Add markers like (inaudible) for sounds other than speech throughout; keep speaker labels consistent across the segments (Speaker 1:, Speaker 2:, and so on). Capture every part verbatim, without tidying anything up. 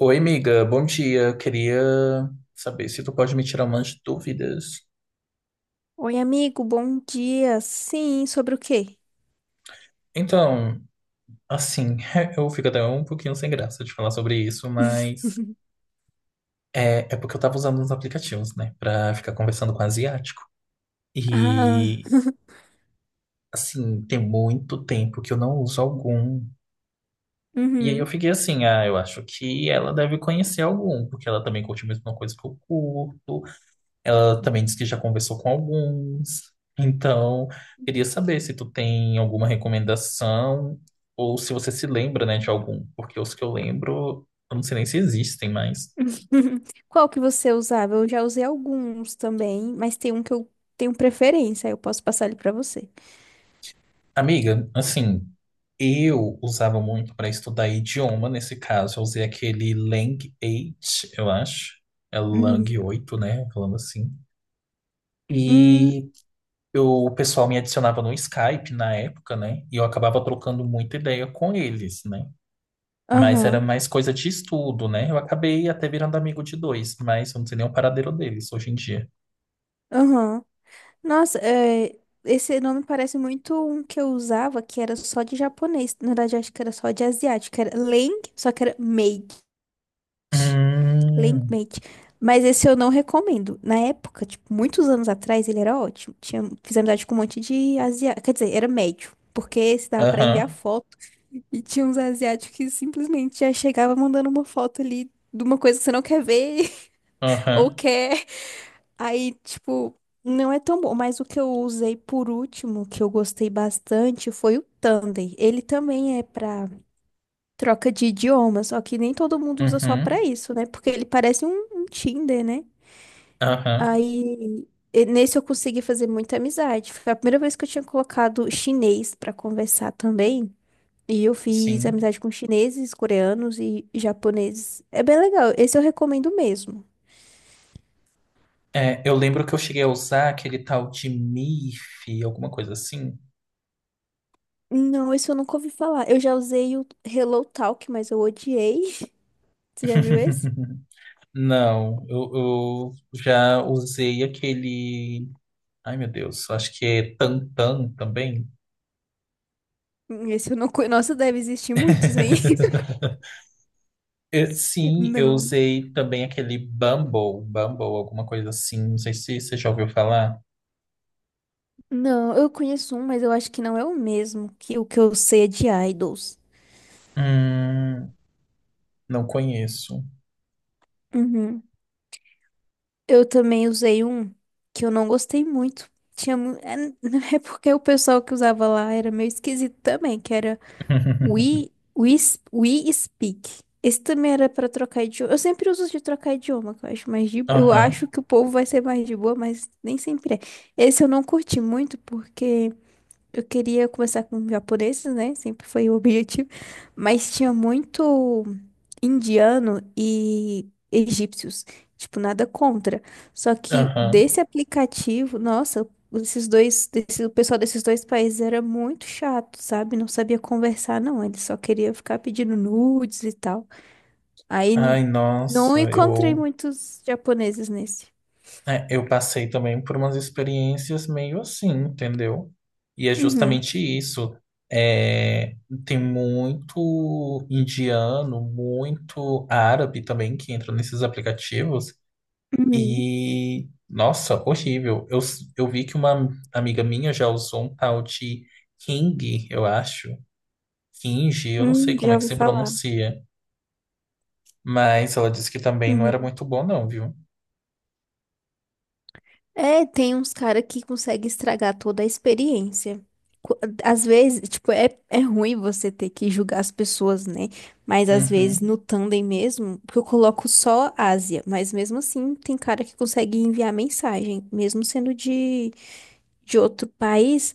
Speaker 1: Oi, amiga, bom dia. Eu queria saber se tu pode me tirar umas dúvidas.
Speaker 2: Oi, amigo, bom dia. Sim, sobre o quê?
Speaker 1: Então, assim, (laughs) eu fico até um pouquinho sem graça de falar sobre isso, mas
Speaker 2: (laughs)
Speaker 1: é, é porque eu tava usando uns aplicativos, né, pra ficar conversando com asiático.
Speaker 2: Ah,
Speaker 1: E,
Speaker 2: (laughs)
Speaker 1: assim, tem muito tempo que eu não uso algum. E aí eu
Speaker 2: uhum.
Speaker 1: fiquei assim, ah, eu acho que ela deve conhecer algum, porque ela também curte a mesma coisa que eu curto. Ela também disse que já conversou com alguns. Então, queria saber se tu tem alguma recomendação ou se você se lembra, né, de algum, porque os que eu lembro, eu não sei nem se existem mais.
Speaker 2: (laughs) Qual que você usava? Eu já usei alguns também, mas tem um que eu tenho preferência, eu posso passar ele pra você.
Speaker 1: Amiga, assim, eu usava muito para estudar idioma, nesse caso, eu usei aquele Lang oito, eu acho. É Lang
Speaker 2: Uhum.
Speaker 1: oito, né, falando assim.
Speaker 2: Hum.
Speaker 1: E eu, o pessoal me adicionava no Skype na época, né? E eu acabava trocando muita ideia com eles, né? Mas era
Speaker 2: Aham,
Speaker 1: mais coisa de estudo, né? Eu acabei até virando amigo de dois, mas eu não sei nem o paradeiro deles hoje em dia.
Speaker 2: aham. Nossa, é, esse nome parece muito um que eu usava que era só de japonês. Na verdade, acho que era só de asiático. Era Leng, só que era Made.
Speaker 1: Hum,
Speaker 2: Linkmate. Mas esse eu não recomendo. Na época, tipo, muitos anos atrás, ele era ótimo. Tinha, fiz amizade com um monte de asiático. Quer dizer, era médio. Porque esse dava pra enviar
Speaker 1: aham,
Speaker 2: foto. E tinha uns asiáticos que simplesmente já chegava mandando uma foto ali de uma coisa que você não quer ver, (laughs) ou
Speaker 1: aham,
Speaker 2: quer. Aí, tipo, não é tão bom. Mas o que eu usei por último, que eu gostei bastante, foi o Tandem. Ele também é pra troca de idioma, só que nem todo mundo usa só pra
Speaker 1: uhum,
Speaker 2: isso, né? Porque ele parece um um Tinder, né?
Speaker 1: aham,
Speaker 2: Aí, e nesse eu consegui fazer muita amizade. Foi a primeira vez que eu tinha colocado chinês pra conversar também. E eu fiz
Speaker 1: sim.
Speaker 2: amizade com chineses, coreanos e japoneses. É bem legal. Esse eu recomendo mesmo.
Speaker 1: É, eu lembro que eu cheguei a usar aquele tal de MIF, alguma coisa assim.
Speaker 2: Não, esse eu nunca ouvi falar. Eu já usei o Hello Talk, mas eu odiei. (laughs) Você já viu esse?
Speaker 1: (laughs) Não, eu, eu já usei aquele. Ai, meu Deus, acho que é Tantan também.
Speaker 2: Hum, Esse eu não conheço. Nossa, deve existir muitos aí.
Speaker 1: (laughs)
Speaker 2: (laughs)
Speaker 1: Eu- sim, eu
Speaker 2: Não.
Speaker 1: usei também aquele Bumble, Bumble, alguma coisa assim. Não sei se você já ouviu falar.
Speaker 2: Não, eu conheço um, mas eu acho que não é o mesmo, que o que eu sei é de idols.
Speaker 1: Hum, não conheço.
Speaker 2: Uhum. Eu também usei um que eu não gostei muito. Tinha, mu- é (laughs) é porque o pessoal que usava lá era meio esquisito também, que era
Speaker 1: (laughs)
Speaker 2: We, We, We Speak. Esse também era pra trocar idioma. Eu sempre uso de trocar idioma, que eu acho mais de... Eu
Speaker 1: Aham,
Speaker 2: acho que o povo vai ser mais de boa, mas nem sempre é. Esse eu não curti muito porque eu queria começar com japoneses, né? Sempre foi o (laughs) objetivo. Mas tinha muito indiano e egípcios. Tipo, nada contra. Só que
Speaker 1: aham.
Speaker 2: desse aplicativo, nossa, esses dois, desse, o pessoal desses dois países era muito chato, sabe? Não sabia conversar, não. Ele só queria ficar pedindo nudes e tal. Aí n-
Speaker 1: Ai,
Speaker 2: não
Speaker 1: nossa,
Speaker 2: encontrei
Speaker 1: eu,
Speaker 2: muitos japoneses nesse.
Speaker 1: é, eu passei também por umas experiências meio assim, entendeu? E é
Speaker 2: Uhum.
Speaker 1: justamente isso. É, tem muito indiano, muito árabe também que entra nesses aplicativos.
Speaker 2: Uhum.
Speaker 1: E, nossa, horrível. Eu, eu vi que uma amiga minha já usou um tal de King, eu acho. Kinji, eu não sei
Speaker 2: Hum,
Speaker 1: como é
Speaker 2: já
Speaker 1: que
Speaker 2: ouvi
Speaker 1: se
Speaker 2: falar.
Speaker 1: pronuncia. Mas ela disse que também não era
Speaker 2: Uhum.
Speaker 1: muito bom, não, viu?
Speaker 2: É, tem uns caras que conseguem estragar toda a experiência. Qu- Às vezes, tipo, é, é ruim você ter que julgar as pessoas, né? Mas às vezes
Speaker 1: Uhum.
Speaker 2: no Tandem mesmo, porque eu coloco só Ásia, mas mesmo assim tem cara que consegue enviar mensagem, mesmo sendo de, de outro país,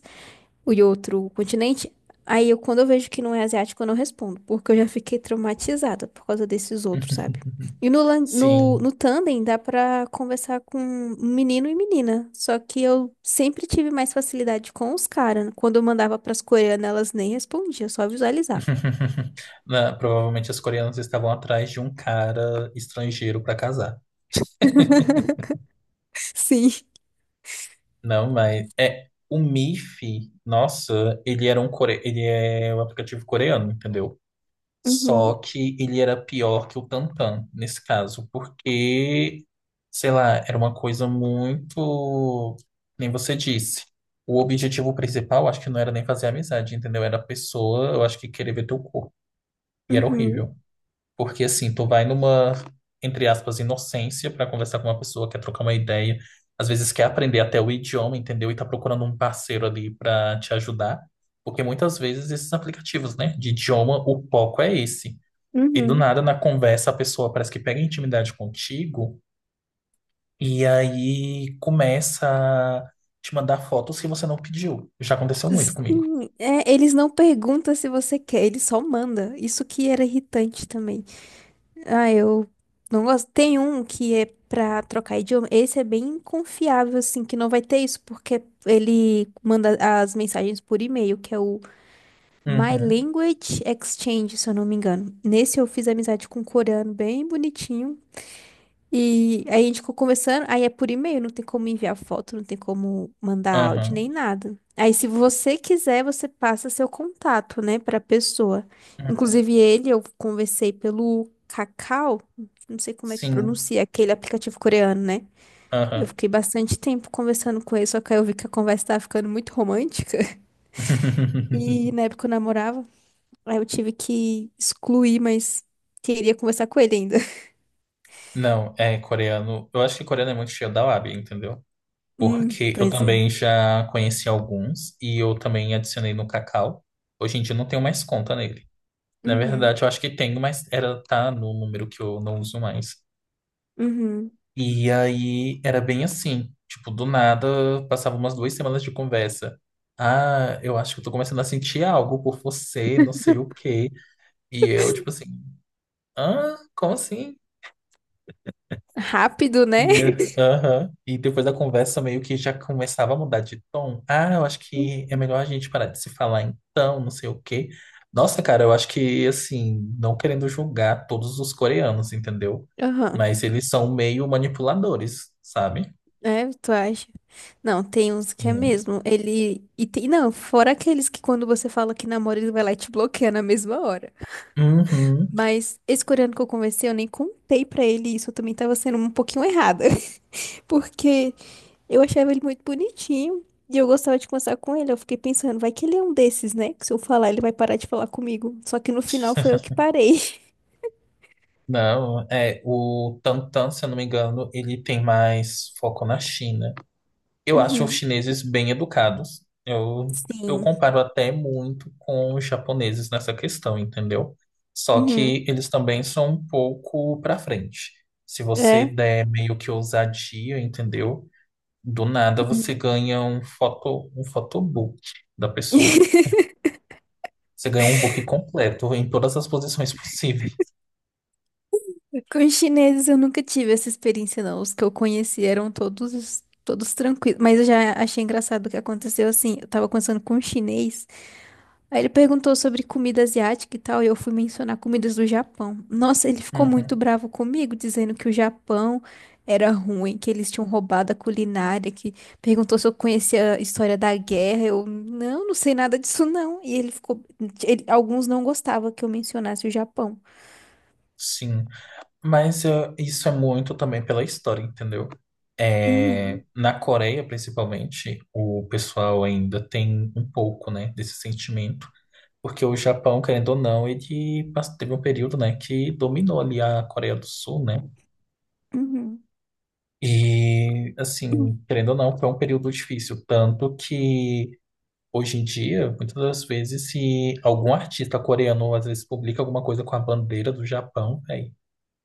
Speaker 2: o outro continente. Aí eu, quando eu vejo que não é asiático, eu não respondo, porque eu já fiquei traumatizada por causa desses outros, sabe?
Speaker 1: (laughs)
Speaker 2: E no, lan- no,
Speaker 1: Sim.
Speaker 2: no Tandem dá pra conversar com menino e menina, só que eu sempre tive mais facilidade com os caras. Quando eu mandava pras coreanas, elas nem respondiam, só visualizavam.
Speaker 1: (laughs) Na- provavelmente as coreanas estavam atrás de um cara estrangeiro para casar.
Speaker 2: (laughs) Sim.
Speaker 1: Não, mas é o Miff, nossa, ele era um core... ele é um aplicativo coreano, entendeu? Só
Speaker 2: Uhum,
Speaker 1: que ele era pior que o Tantan, nesse caso, porque, sei lá, era uma coisa muito. Nem você disse. O objetivo principal, acho que não era nem fazer amizade, entendeu? Era a pessoa, eu acho que querer ver teu corpo. E era
Speaker 2: uhum,
Speaker 1: horrível. Porque, assim, tu vai numa, entre aspas, inocência pra conversar com uma pessoa, quer trocar uma ideia, às vezes quer aprender até o idioma, entendeu? E tá procurando um parceiro ali pra te ajudar. Porque muitas vezes esses aplicativos, né, de idioma, o foco é esse. E do
Speaker 2: uhum.
Speaker 1: nada, na conversa, a pessoa parece que pega intimidade contigo e aí começa a te mandar fotos que você não pediu. Já aconteceu muito comigo.
Speaker 2: Sim, é, eles não perguntam se você quer, eles só mandam. Isso que era irritante também. Ah, eu não gosto. Tem um que é pra trocar idioma. Esse é bem confiável, assim, que não vai ter isso, porque ele manda as mensagens por e-mail, que é o My
Speaker 1: Uhum,
Speaker 2: Language Exchange, se eu não me engano. Nesse eu fiz amizade com um coreano bem bonitinho. E aí a gente ficou conversando, aí é por e-mail, não tem como enviar foto, não tem como mandar áudio
Speaker 1: uhum,
Speaker 2: nem nada. Aí se você quiser, você passa seu contato, né, pra pessoa.
Speaker 1: uhum.
Speaker 2: Inclusive ele, eu conversei pelo Kakao, não sei como é que
Speaker 1: Sim,
Speaker 2: pronuncia, aquele aplicativo coreano, né? Eu
Speaker 1: aham.
Speaker 2: fiquei bastante tempo conversando com ele, só que aí eu vi que a conversa tava ficando muito romântica. (laughs) E na
Speaker 1: (laughs)
Speaker 2: época eu namorava, aí eu tive que excluir, mas queria conversar com ele ainda. (laughs)
Speaker 1: Não, é coreano. Eu acho que coreano é muito cheio da lábia, entendeu?
Speaker 2: Hum,
Speaker 1: Porque eu
Speaker 2: pois é.
Speaker 1: também já conheci alguns e eu também adicionei no Kakao. Hoje em dia eu não tenho mais conta nele. Na
Speaker 2: Uhum,
Speaker 1: verdade, eu acho que tenho, mas era tá no número que eu não uso mais.
Speaker 2: uhum.
Speaker 1: E aí era bem assim, tipo, do nada passava umas duas semanas de conversa. Ah, eu acho que eu tô começando a sentir algo por você, não sei o quê. E eu, tipo assim, ah, como assim?
Speaker 2: Rápido, né?
Speaker 1: E, eh,
Speaker 2: (laughs)
Speaker 1: aham. E depois da conversa meio que já começava a mudar de tom. Ah, eu acho que é melhor a gente parar de se falar então, não sei o quê. Nossa, cara, eu acho que, assim, não querendo julgar todos os coreanos, entendeu?
Speaker 2: Aham.
Speaker 1: Mas eles são meio manipuladores, sabe?
Speaker 2: É, tu acha? Não, tem uns que é
Speaker 1: Sim.
Speaker 2: mesmo. Ele. E tem. Não, fora aqueles que quando você fala que namora, ele vai lá e te bloqueia na mesma hora.
Speaker 1: Uhum.
Speaker 2: Mas esse coreano que eu conversei, eu nem contei pra ele isso. Eu também tava sendo um pouquinho errada. (laughs) Porque eu achava ele muito bonitinho. E eu gostava de conversar com ele. Eu fiquei pensando, vai que ele é um desses, né? Que se eu falar, ele vai parar de falar comigo. Só que no final foi eu que parei. (laughs)
Speaker 1: Não, é o Tantan, se eu não me engano, ele tem mais foco na China. Eu acho os
Speaker 2: Uhum.
Speaker 1: chineses bem educados. Eu, eu
Speaker 2: Sim.
Speaker 1: comparo até muito com os japoneses nessa questão, entendeu? Só
Speaker 2: Uhum.
Speaker 1: que eles também são um pouco pra frente. Se você
Speaker 2: É.
Speaker 1: der meio que ousadia, entendeu? Do nada você
Speaker 2: Uhum.
Speaker 1: ganha um foto, um photobook da pessoa.
Speaker 2: (laughs)
Speaker 1: Você ganha um book completo em todas as posições possíveis.
Speaker 2: Com os chineses eu nunca tive essa experiência, não. Os que eu conheci eram todos, todos tranquilos. Mas eu já achei engraçado o que aconteceu assim. Eu tava conversando com um chinês. Aí ele perguntou sobre comida asiática e tal. E eu fui mencionar comidas do Japão. Nossa, ele ficou muito
Speaker 1: Uhum,
Speaker 2: bravo comigo, dizendo que o Japão era ruim, que eles tinham roubado a culinária, que perguntou se eu conhecia a história da guerra. Eu, não, não sei nada disso, não. E ele ficou. Ele- alguns não gostavam que eu mencionasse o Japão.
Speaker 1: sim. Mas eh, isso é muito também pela história, entendeu? É,
Speaker 2: Uhum,
Speaker 1: na Coreia, principalmente, o pessoal ainda tem um pouco, né, desse sentimento, porque o Japão, querendo ou não, ele pass- teve um período, né, que dominou ali a Coreia do Sul, né?
Speaker 2: uhum.
Speaker 1: E, assim, querendo ou não, foi um período difícil, tanto que hoje em dia, muitas das vezes, se algum artista coreano às vezes publica alguma coisa com a bandeira do Japão, né?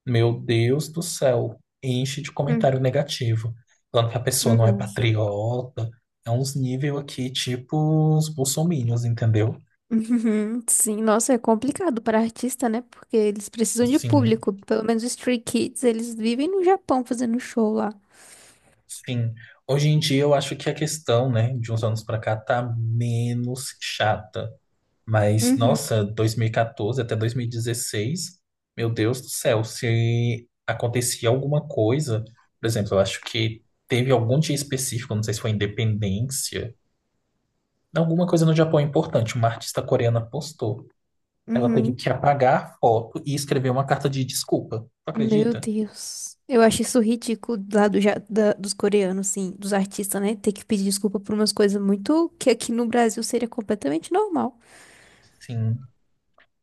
Speaker 1: Meu Deus do céu, enche de
Speaker 2: Uhum.
Speaker 1: comentário negativo, falando que a pessoa não é
Speaker 2: Nossa.
Speaker 1: patriota. É uns nível aqui, tipo os bolsominions, entendeu?
Speaker 2: Uhum. Sim, nossa, é complicado para artista, né? Porque eles precisam de
Speaker 1: Sim,
Speaker 2: público. Pelo menos os Stray Kids, eles vivem no Japão fazendo show lá.
Speaker 1: sim. Hoje em dia eu acho que a questão, né, de uns anos pra cá tá menos chata. Mas,
Speaker 2: Uhum,
Speaker 1: nossa, dois mil e quatorze até dois mil e dezesseis, meu Deus do céu, se acontecia alguma coisa, por exemplo, eu acho que teve algum dia específico, não sei se foi independência. Alguma coisa no Japão é importante, uma artista coreana postou. Ela teve
Speaker 2: uhum.
Speaker 1: que apagar a foto e escrever uma carta de desculpa. Tu
Speaker 2: Meu
Speaker 1: acredita?
Speaker 2: Deus. Eu acho isso ridículo lá do, ja- da- dos coreanos, sim, dos artistas, né? Ter que pedir desculpa por umas coisas muito que aqui no Brasil seria completamente normal.
Speaker 1: Sim.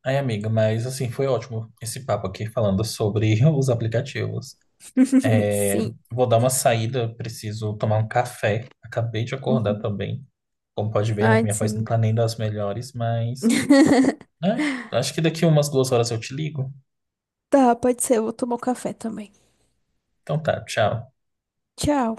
Speaker 1: Ai, amiga, mas assim, foi ótimo esse papo aqui falando sobre (laughs) os aplicativos.
Speaker 2: (laughs)
Speaker 1: É,
Speaker 2: Sim.
Speaker 1: vou dar uma saída, preciso tomar um café. Acabei de acordar
Speaker 2: Uhum.
Speaker 1: também. Como pode ver, né?
Speaker 2: Ai,
Speaker 1: Minha voz não
Speaker 2: sim.
Speaker 1: tá nem das melhores, mas,
Speaker 2: (laughs)
Speaker 1: né? Acho que daqui umas duas horas eu te ligo.
Speaker 2: Tá, pode ser. Eu vou tomar um café também.
Speaker 1: Então tá, tchau.
Speaker 2: Tchau.